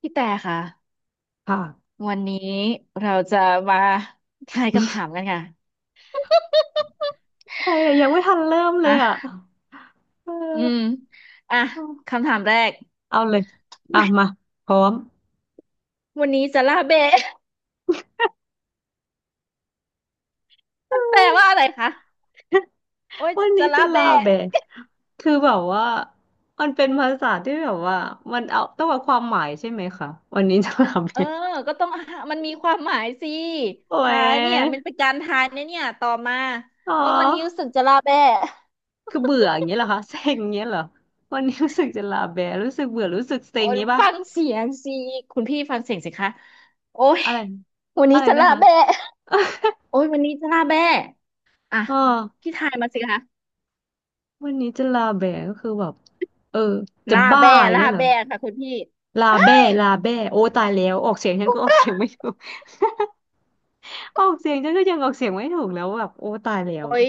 พี่แต่ค่ะค่ะวันนี้เราจะมาทายคำถามกันค่ะอะไรอะยังไม่ทันเริ่มเลยอ่ะอ่ะเออือมอ่ะคำถามแรกเอาเลยอ่ะมาพร้อม วันนี้จะล่าเบะ มัน แปลว่าอะไรคะ โอ้ยวัจะนจะนี้จะล่าลาเบะแบะคือแบบว่ามันเป็นภาษาที่แบบว่ามันเอาต้องเอาความหมายใช่ไหมคะวันนี้จะลาเออแบะก็ต้องอ่ะมันมีความหมายสิโอ้ทายยเนี่ยมันเป็นการทายนะเนี่ยต่อมาอ๋ว่าวันนี้รู้อสึกจะล่าเบะ คือเบื่ออย่างเงี้ยเหรอคะเซ็งอย่างเงี้ยเหรอวันนี้รู้สึกจะลาแบะรู้สึกเบื่อรู้สึกเซ็โอ้งอย่ายงงี้ป่ะฟังเสียงสิคุณพี่ฟังเสียงสิคะโอ้ยอะไรวันอะนี้ไรจะนะล่าคะเบะโอ้ยวันนี้จะล่าเบะอ่ะอ๋อพี่ทายมาสิคะ วันนี้จะลาแบะก็คือแบบเออจะล่าบ้าแบ้อย่างล่าเงี้ยเหรอ แบ้ค่ะคุณพี่ลาอ้าแบ้วลาแบ้โอ้ตายแล้วออกเสียงฉันคุก็ ณ ออกป้าเสียงไม่ถูก ออกเสียงฉันก็ยังออกเสียงไม่ถูกแล้วแบบโอ้ตายแล้วโอ้ย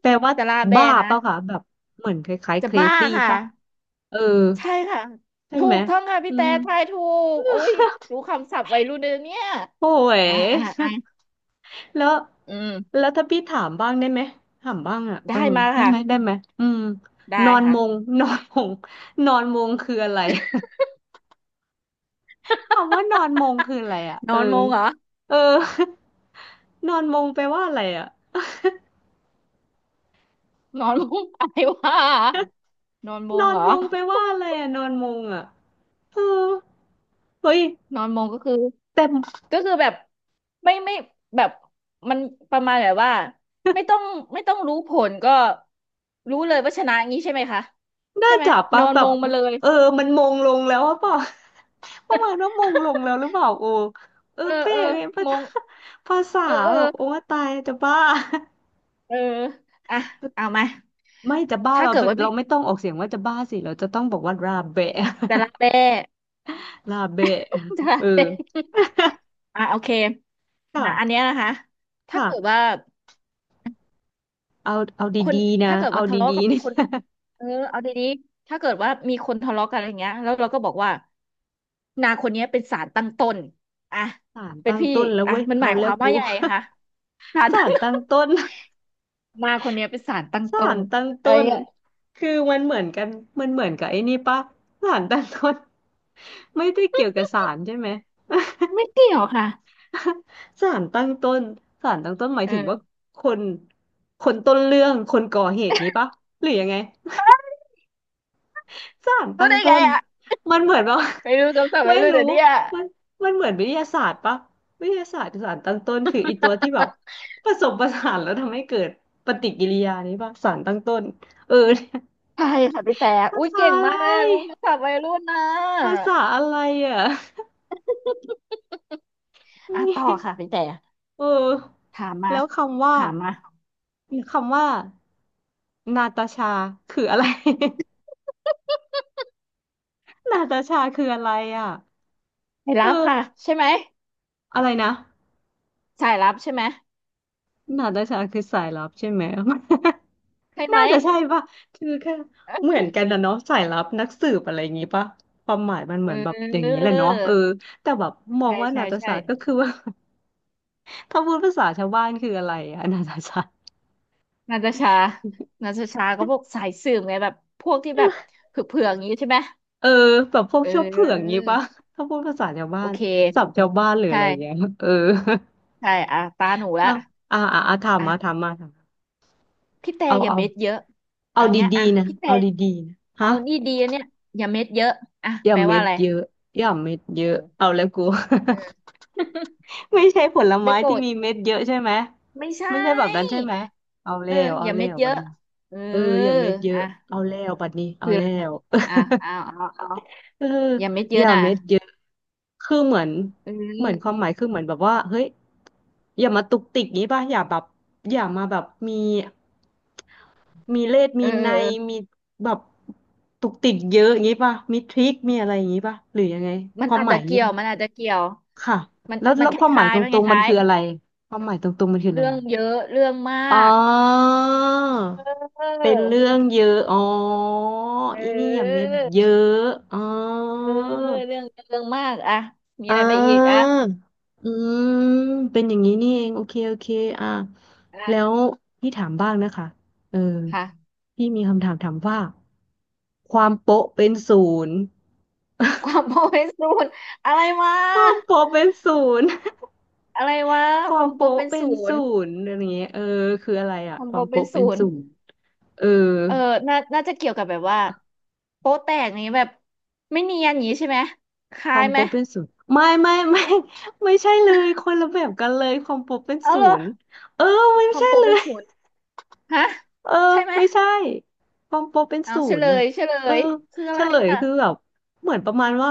แปลว่าจะล่าแบ้บ้านะ เปล่าคะแบบเหมือนคล้ายๆ จะบ้า crazy ค่ะ ป่ะเออใช่ค่ะ ใช่ถูไหมกต้องค่ะอืพี่แต่มทายถูกอุ้ยรู้คำศัพท์วัยรุ่นเลยเนี่ยโอ้ย อ่า แล้วอืม แล้วถ้าพี่ถามบ้างได้ไหมถามบ้างอ่ะเอได้อมาได้ไหมได้ค่ะ ไหมอืมนได้อนค่ะ มง นอนมงนอนมงคืออะไร คำว่านอนมงคืออะไรอ่ะ นเอออนมงเหรอเออ นอนมงแปลว่าอะไรอ่ะ นอนมง อะไรวะนอนมนงอนเหรอมงไปว่าอะไรอะนอนมงอะเออเฮ้ยนอนมงก็คือ แต่ก็คือแบบไม่แบบมันประมาณแบบว่าไม่ต้องไม่ต้องรู้ผลก็รู้เลยว่าชนะงี้ใช่ไหมคะน่าใช่ไหมจับนปะอนแบมบงมาเลยเออมันมงลงแล้วหรือเปล่า ประมาณว่ามงลงแล้วหรือเปล่าโอเออเออเปะเออเองภามษางภา ษาเออเออแบบโอ้ตายจะบ้า เอออ่ะเอามา ไม่จะบ้าถ้าเราเกิดว่าเราพี่ไม่ต้องออกเสียงว่าจะบ้าสิเราจะต้องบอกว่าราเบะ จะรักแต่ ราเบะ จะรัเอกแต่ออ่ะโอเคค่ะอ่ะอันเนี้ยนะคะถ้าค่ะเกิดว่า เอาเอาคนดีๆนะถ้าเกิดเอาว่าทะเลาะดีกัๆ บ นี่ คน เออเอาดีๆถ้าเกิดว่ามีคนทะเลาะกันอะไรเงี้ยแล้วเราก็บอกว่านาคนเนี้ยเป็นสารตั้งต้นอ่ะสารเป็นตั้งพี่ต้นแล้วอ่ะเว้ยมันหเอามายคแล้วาวมกู ว่ายังไงคะสาร สาตั้งรต้ตั้งต้นน นาคนเนี้ยเป็นสารตั้งสาต้นรตั้งอะต้ไรนเงี้ยคือมันเหมือนกัน มันเหมือนกับไอ้นี่ปะ สารตั้งต้น ไม่ได้เกี่ยวกับสารใช่ไหม ไม่เกี่ยวค่ะ สารตั้งต้นสารตั้งต้นหมายเออถึงว่าคน คนต้นเรื่อง คนก่อเหตุงี้ปะหรือยังไง สารรู้ตั้งได้ต้ไงนอ่ะมันเหมือนว่า ไม่รู้คำศัพ ท์วัไม่ยรุ่นรู้เดี๋ยวเนี้ย มันมันเหมือนวิทยาศาสตร์ปะวิทยาศาสตร์สารตั้งต้นคืออีตัวที่แบบ ผสมประสานแล้วทำให้เกิดปฏิกิริยานี้ปะสารตั้งต้นเออ เนี่ยใช่ค่ะพี่แต่ภาอุ้ยษาเก่งอะไมากเลยรู้ร คำศัพท์วัยรุ่นนะภาษาอะไรอ่ะ อ่ะต่อค่ะ พี่แต่เออถามมาแล้วคำว่าถามมาคำว่านาตาชาคืออะไร นาตาชา คืออะไรอ่ะไม่เอรับค่ะอใช่ไหม อะไรนะสายลับใช่ไหมนาตาชาคือสายลับใช่ไหม ใช่ ไหมน่า จะใช่ป่ะคือแค่เหมือนกันนะเนาะสายลับนักสืบอะไรอย่างงี้ป่ะความหมายมันเหเมือนแบบอย่างนี้ออแหละเนาะเออแต่แบบมองใช่ว่าใช่นาตาใช่ชาก็คือว่า ถ้าพูดภาษาชาวบ้านคืออะไรอะนาตาชา นาตาชานาตาชาก็พวกสายสืบไงแบบพวกที่แบบเผือกๆอย่างนี้ใช่ไหมเออแบบพวกเเขี้ยเผือกงี้ออป่ะ ถ้าพูดภาษาชาวบ้าโอนเคศัพท์ชาวบ้านหรือใชอะไรอย่างเงี้ย่เออ ใช่อ่ะตาหนู ละเอาอ่าอ่าอ่าถามมาถาอ่ะมมาถามมาพี่แต่เอาอย่าเอาเม็ดเยอะเอาเอาเงี้ยดีอ่ะๆนะพี่แต่เอาดีๆนะเอาฮะนี่ดีอะเนี่ยอย่าเม็ดเยอะอ่ะอย่าแปลเม็ว่าดอะไรเยอะอย่าเม็ดเยเออะอเอาแล้วกู เออ ไม่ใช่ผล ได้ไม้โปรที่ดมีเม็ดเยอะใช่ไหมไม่ไม่ใช่ใช่แบบนั้นใช่ไหมเอาเอแล้อวอเอาย่าแล้เม็ดวเยวันอะนี้เออเอออย่าเม็ดเยอะอ่ะ เอาแล้วบัดนี้เอาคืออะแล้ไรอะว อ่ะเอาเอออย่าเม็ดเยออะย่านะเม็ดเยอะคือเหมือน เอเหมือนคอวามหมายคือเหมือนแบบว่าเฮ้ยอย่ามาตุกติกนี้ป่ะ อย่าแบบอย่ามาแบบมี มีเลสเอมีอเอในอเออมีแบบตุกติกเยอะอย่างงี้ป่ะมีทริคมีอะไรอย่างงี้ป่ะหรือยังไงมัคนวามอาจหมายจะอย่างงี้เกี่ยว ป่ะมันอาจจะเกี่ยวค่ะมันแล้วมัแล้นวคความหมายล้ายตๆมันครงๆมันล้ายคืออะไรความหมายตรงๆมันคือๆอะไรเรื่องอ่ะเยอะเรื่องมอ๋อากเออเป็นเรื่องเยอะอ๋อเออีนี่อย่าเม็ดอเยอะอ๋อ เออเรื่องเรื่องมากอะมีอ่อะไรไปอีกอะาอืมเป็นอย่างนี้นี่เองโอเคโอเคอ่าแล้อะวพี่ถามบ้างนะคะเออค่ะพี่มีคำถามถามว่าความโป๊ะเป็นศูนย์ความโปรเป็นศูนย์อะไรวะความโป๊ะเป็นศูนย์ อะไรวะ ควาคมวามโปรโป๊ะเป็นเป็ศูนศูนย์นย์อะไรอย่างเงี้ยเออคืออะไรคอะวามคโปวามรเป็นโป๊ะเป็นศูนศูย์ นย์เออเออน่าจะเกี่ยวกับแบบว่าโป๊ะแตกนี้แบบไม่เนียนอย่างนี้ใช่ไหมคคล้าวายมไหมโป๊ะเป็นศูนย์ไม่ ไม่ใช่เลย คนละแบบกันเลย ความโป๊ะเป็นเอาเหรศูอนย์เออไม่ความใช่โป๊ะเลเป็นย ศูนย์ฮะเออใช่ไหมไม่ใช่ความโปรเป็นเอาศูเฉนลย์อ่ะยเฉลเออยคืออะเฉไรลยอ่ะคือแบบเหมือนประมาณว่า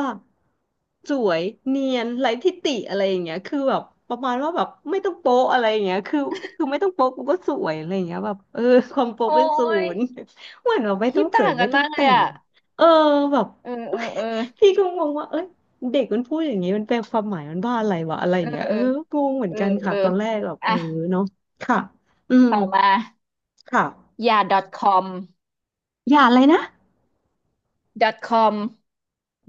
สวยเนียนไร้ทิฏฐิอะไรอย่างเงี้ยคือแบบประมาณว่าแบบไม่ต้องโป๊ะอะไรอย่างเงี้ยคือไม่ต้องโป๊ะกูก็สวยอะไรอย่างเงี้ยแบบเออความโป๊ะโอ้เป็นศูยนย์ เหมือนเราไม่คิต้อดงเสริต่ามงกัไม่นต้อมางกเลแต่ยงอ่ะเออแบบ เออเออเออ พี่ก็งงว่าเอ้ยเด็กมันพูดอย่างนี้มันแปลความหมายมันว่าอะไรวะอะไรอเอย่าองเงี้ยเอเออองงเหมือนเออกันเอค่ะอตอนแรกแบบเออ่ะอเนาะค่ะอืมต่อมาค่ะ อย่า .com อย่าอะไรนะ .com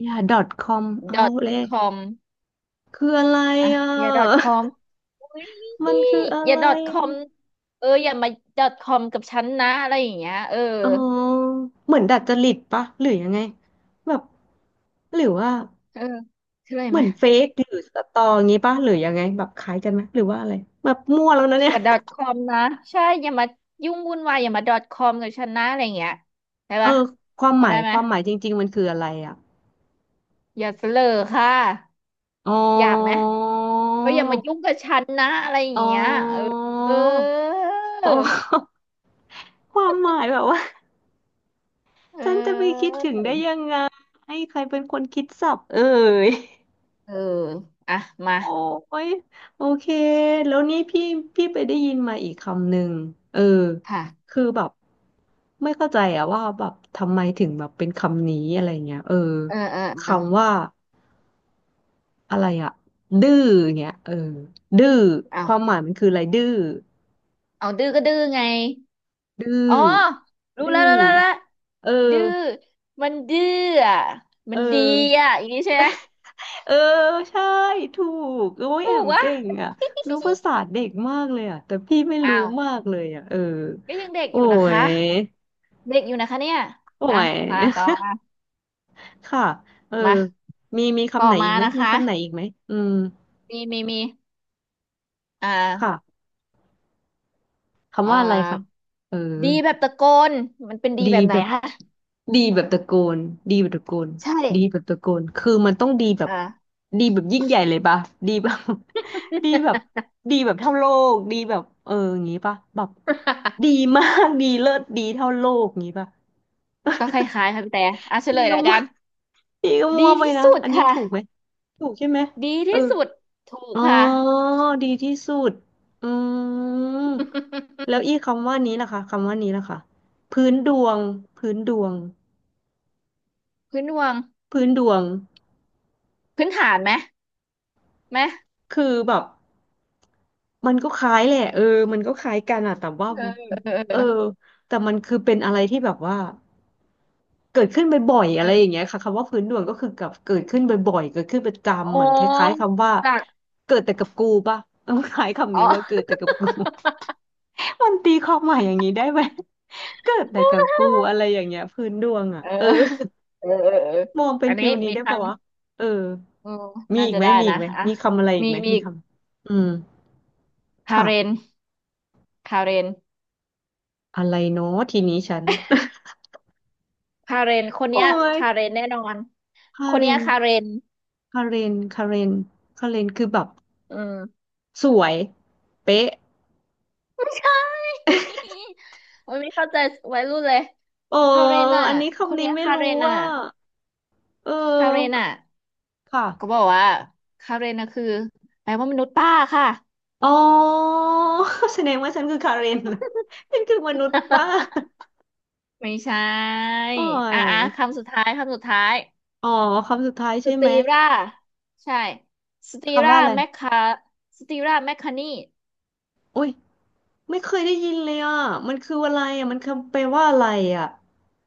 อย่า .com เอาเลย .com คืออะไรอ่ะอ่อย่า ะ .com อุ้ย มันคืออะอย่า ไรอะ .com เอออย่ามา .com กับฉันนะอะไรอย่างเงี้ยเออ อ๋อเหมือนดัดจริตปะหรือยังไงแบบหรือว่าเออชื่ออะไรเหไหมืมอนเฟกหรือสตออย่างงี้ปะหรือยังไงแบบคล้ายกันไหมหรือว่าอะไรแบบมั่วแล้วนะอเนี่ยย่า .com นะใช่อย่ามายุ่งวุ่นวายอย่ามา .com กับฉันนะอะไรอย่างเงี้ยได้เอปะอความพหอมาได้ยไหมความหมายจริงๆมันคืออะไรอ่ะอย่าเสลอค่ะอ๋หยาบไหมอก็ออย่ามายุ่งกับฉันนะอะไรอย่าอ๋งเงี้ยเอออเอออ๋อ ความหมายแบบว่า เท่านจะไปคิออดถึงได้ยังไงให้ใครเป็นคนคิดศัพท์เอ่ยเอออ่ะมาโอ้ยโอเคแล้วนี่พี่ไปได้ยินมาอีกคำหนึ่งเออค่ะคือแบบไม่เข้าใจอะว่าแบบทำไมถึงแบบเป็นคำนี้อะไรเงี้ยเออเออเออคำว่าอะไรอะดื้อเงี้ยดื้อความหเอามายมันคืออะไรเอาดื้อก็ดื้อไงดื้อ๋ออรู้แล้ดื้วอรู้แล้วรู้แล้วเอดื้ออมันดื้ออ่ะเอมันดีอ อ่ะอย่างนี้ใช่ไหม เออใช่ถูกโอ้ยแอถูกมวะ เก่ งอ่ะรู้ภาษาเด็กมากเลยอ่ะแต่พี่ไม่รู้อ้าว มากเลยอ่ะเออก็ยังเด็กโอ้อยู่นะคะ ยเด็กอยู่นะคะเนี่ยโอ้อ่ะ ย มาต่อมา ค่ะเออมามีต่คำอไหนมาอีกไหมนะมีคะคำไหนอีกไหมอืมมีอ่ค่ะาคำเอ่อว่าอะไรคะเออ ดีแบบตะโกนมันเป็นดีดีแบบไหนแบบคะดีแบบตะโกนดีแบบตะโกนใช่ดีแบบตะโกนคือมันต้องดีแบบอ่า ดีแบบยิ่งใหญ่เลยปะดีแบบ ดีแบบดีแบบเท่าโลกดีแบบเอออย่างงี้ปะแบบดี มากดีเลิศดีเท่าโลกอย่างงี้ปะ ก็ค ล้ายๆค่ะพี่แต่อ่ะเฉลพี่ยก็แล้วมั่กัวน พี่ก็มั่ดีวไปที่นะสุดอันนี้ค่ะ ถูกไหมถูกใช่ไหมดีเออที่สุด ถูกอ๋อค่ะดีที่สุดอืมแล้วอีคำว่านี้ล่ะคะคำว่านี้ล่ะคะพื้นดวงพื้นดวง พื้นดวงพื้นดวงพื้นฐานไหมไหมคือแบบมันก็คล้ายแหละมันก็คล้ายกันอะแต่ว่าเออเออเอเอออแต่มันคือเป็นอะไรที่แบบว่าเกิดขึ้นบ่อยๆอะไรอย่างเออเงี้ยค่ะคำว่าพื้นดวงก็คือกับเกิดขึ้นบ่อยๆเกิดขึ้นประอ๋จำอเหมือนคล้ายๆคำว่าจากเกิดแต่กับกูป่ะต้องคล้ายคำอ๋อ นี้ว่าเกิดแต่กับกู มันตีความหมายอย่างนี้ได้ไหมเกิดแต่กับกูอะไรอย่างเงี้ยพื้นดวงอ่ะเออเออเออเออมองเป็อันนนี้ฟิลนี้มีได้คป่าวะเออำเออมีน่าอีกจะไหมได้มีอีนะกไหมอ่ะมีคำอะไรอีมีกไหมมีมีอีกคำอืมคาค่ะ เรนคาเรนอะไรเนาะทีนี้ฉัน คาเรนคนโอ้เนี้ยยคาเรนแน่นอนคาคนเรเนี้ยนคาเรนคาเรนคาเรนคือแบบอืมสวยเป๊ะไม่ใช่ โอ้ยไม่เข้าใจวัยรุ่นเลยเออคาเรนอ่ะอันนี้คนคำนี้เนี้ยไม่คารู้เรนอ่ะว่าเอคาเรนออ่ะค่ะก็บอกว่าคาเรนอ่ะคือแปลว่ามนุษย์ป้าค่ะ อ๋อ แสดงว่าฉันคือคาเรน เหรอฉันคือมนุษย์ป้า ไม่ใช ่โอ้อ่ะยอ่ะคำสุดท้ายคำสุดท้าย อ๋อคำสุดท้ายสใช่ไหมตีราใช่สตีคำราว่าอะไรแมคคาสตีราแมคคานีโอ้ยไม่เคยได้ยินเลยอ่ะมันคืออะไรอ่ะมันคำแปลว่าอะไรอ่ะ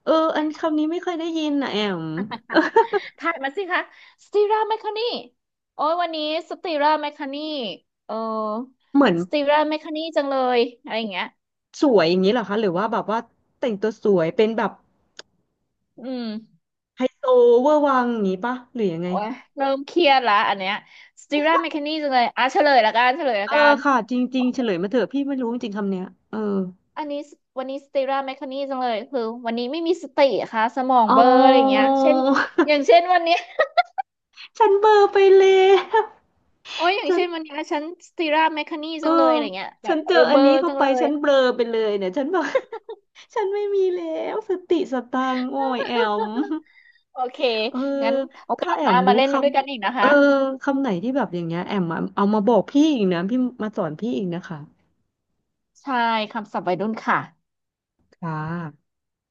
เอออันคำนี้ไม่เคยได้ยินนะแอมถ่ายมาสิคะสตีราแมคคานีโอ้ยวันนี้สตีราแมคคานีเออเหมือน สตีราแมคคานีจังเลยอะไรอย่างเงี้ยสวยอย่างนี้เหรอคะหรือว่าแบบว่าแต่งตัวสวยเป็นแบบอืมไฮโซเวอร์วังอย่างนี้ปะหรือยังไงโอ้ยเริ่มเครียดละอันเนี้ยสตีราแมคคานีจังเลยอ่ะเฉลยละกันเฉลยเอละอกันค่ะจริงๆเฉลยมาเถอะพี่ไม่รู้จริงๆคำเนี้ยเอออันนี้สวันนี้สตีราแมคคานีจังเลยคือวันนี้ไม่มีสติอะค่ะสมองอ๋เบลอร์อะไรอย่างเงี้อยเช่นอย่างเช่นวันนี้ ฉันเบลอไปแล้วโอ้ยอย่างฉันเช่นวันนี้ฉันสตีราแมคคานีเอจัองเลยอะไรเงี้ยแบฉับนเอเจอออัเบนอนี้ร์เข้าจังไปเลฉัย นเบลอไปเลยเนี่ยฉันบอก ฉันไม่มีแล้วสติสตังค์โอ้ยแอม โอเคเอองั้นโอถ้ากาสแอหมน้ามารู้เล่นคมันด้วยกันอีกนะำคะคำไหนที่แบบอย่างเงี้ยแอมมาเอามาบอกพี่อีกนะพี่มาสอนพี่อีกนะคะใช่คำศัพท์วัยรุ่นค่ะค่ะ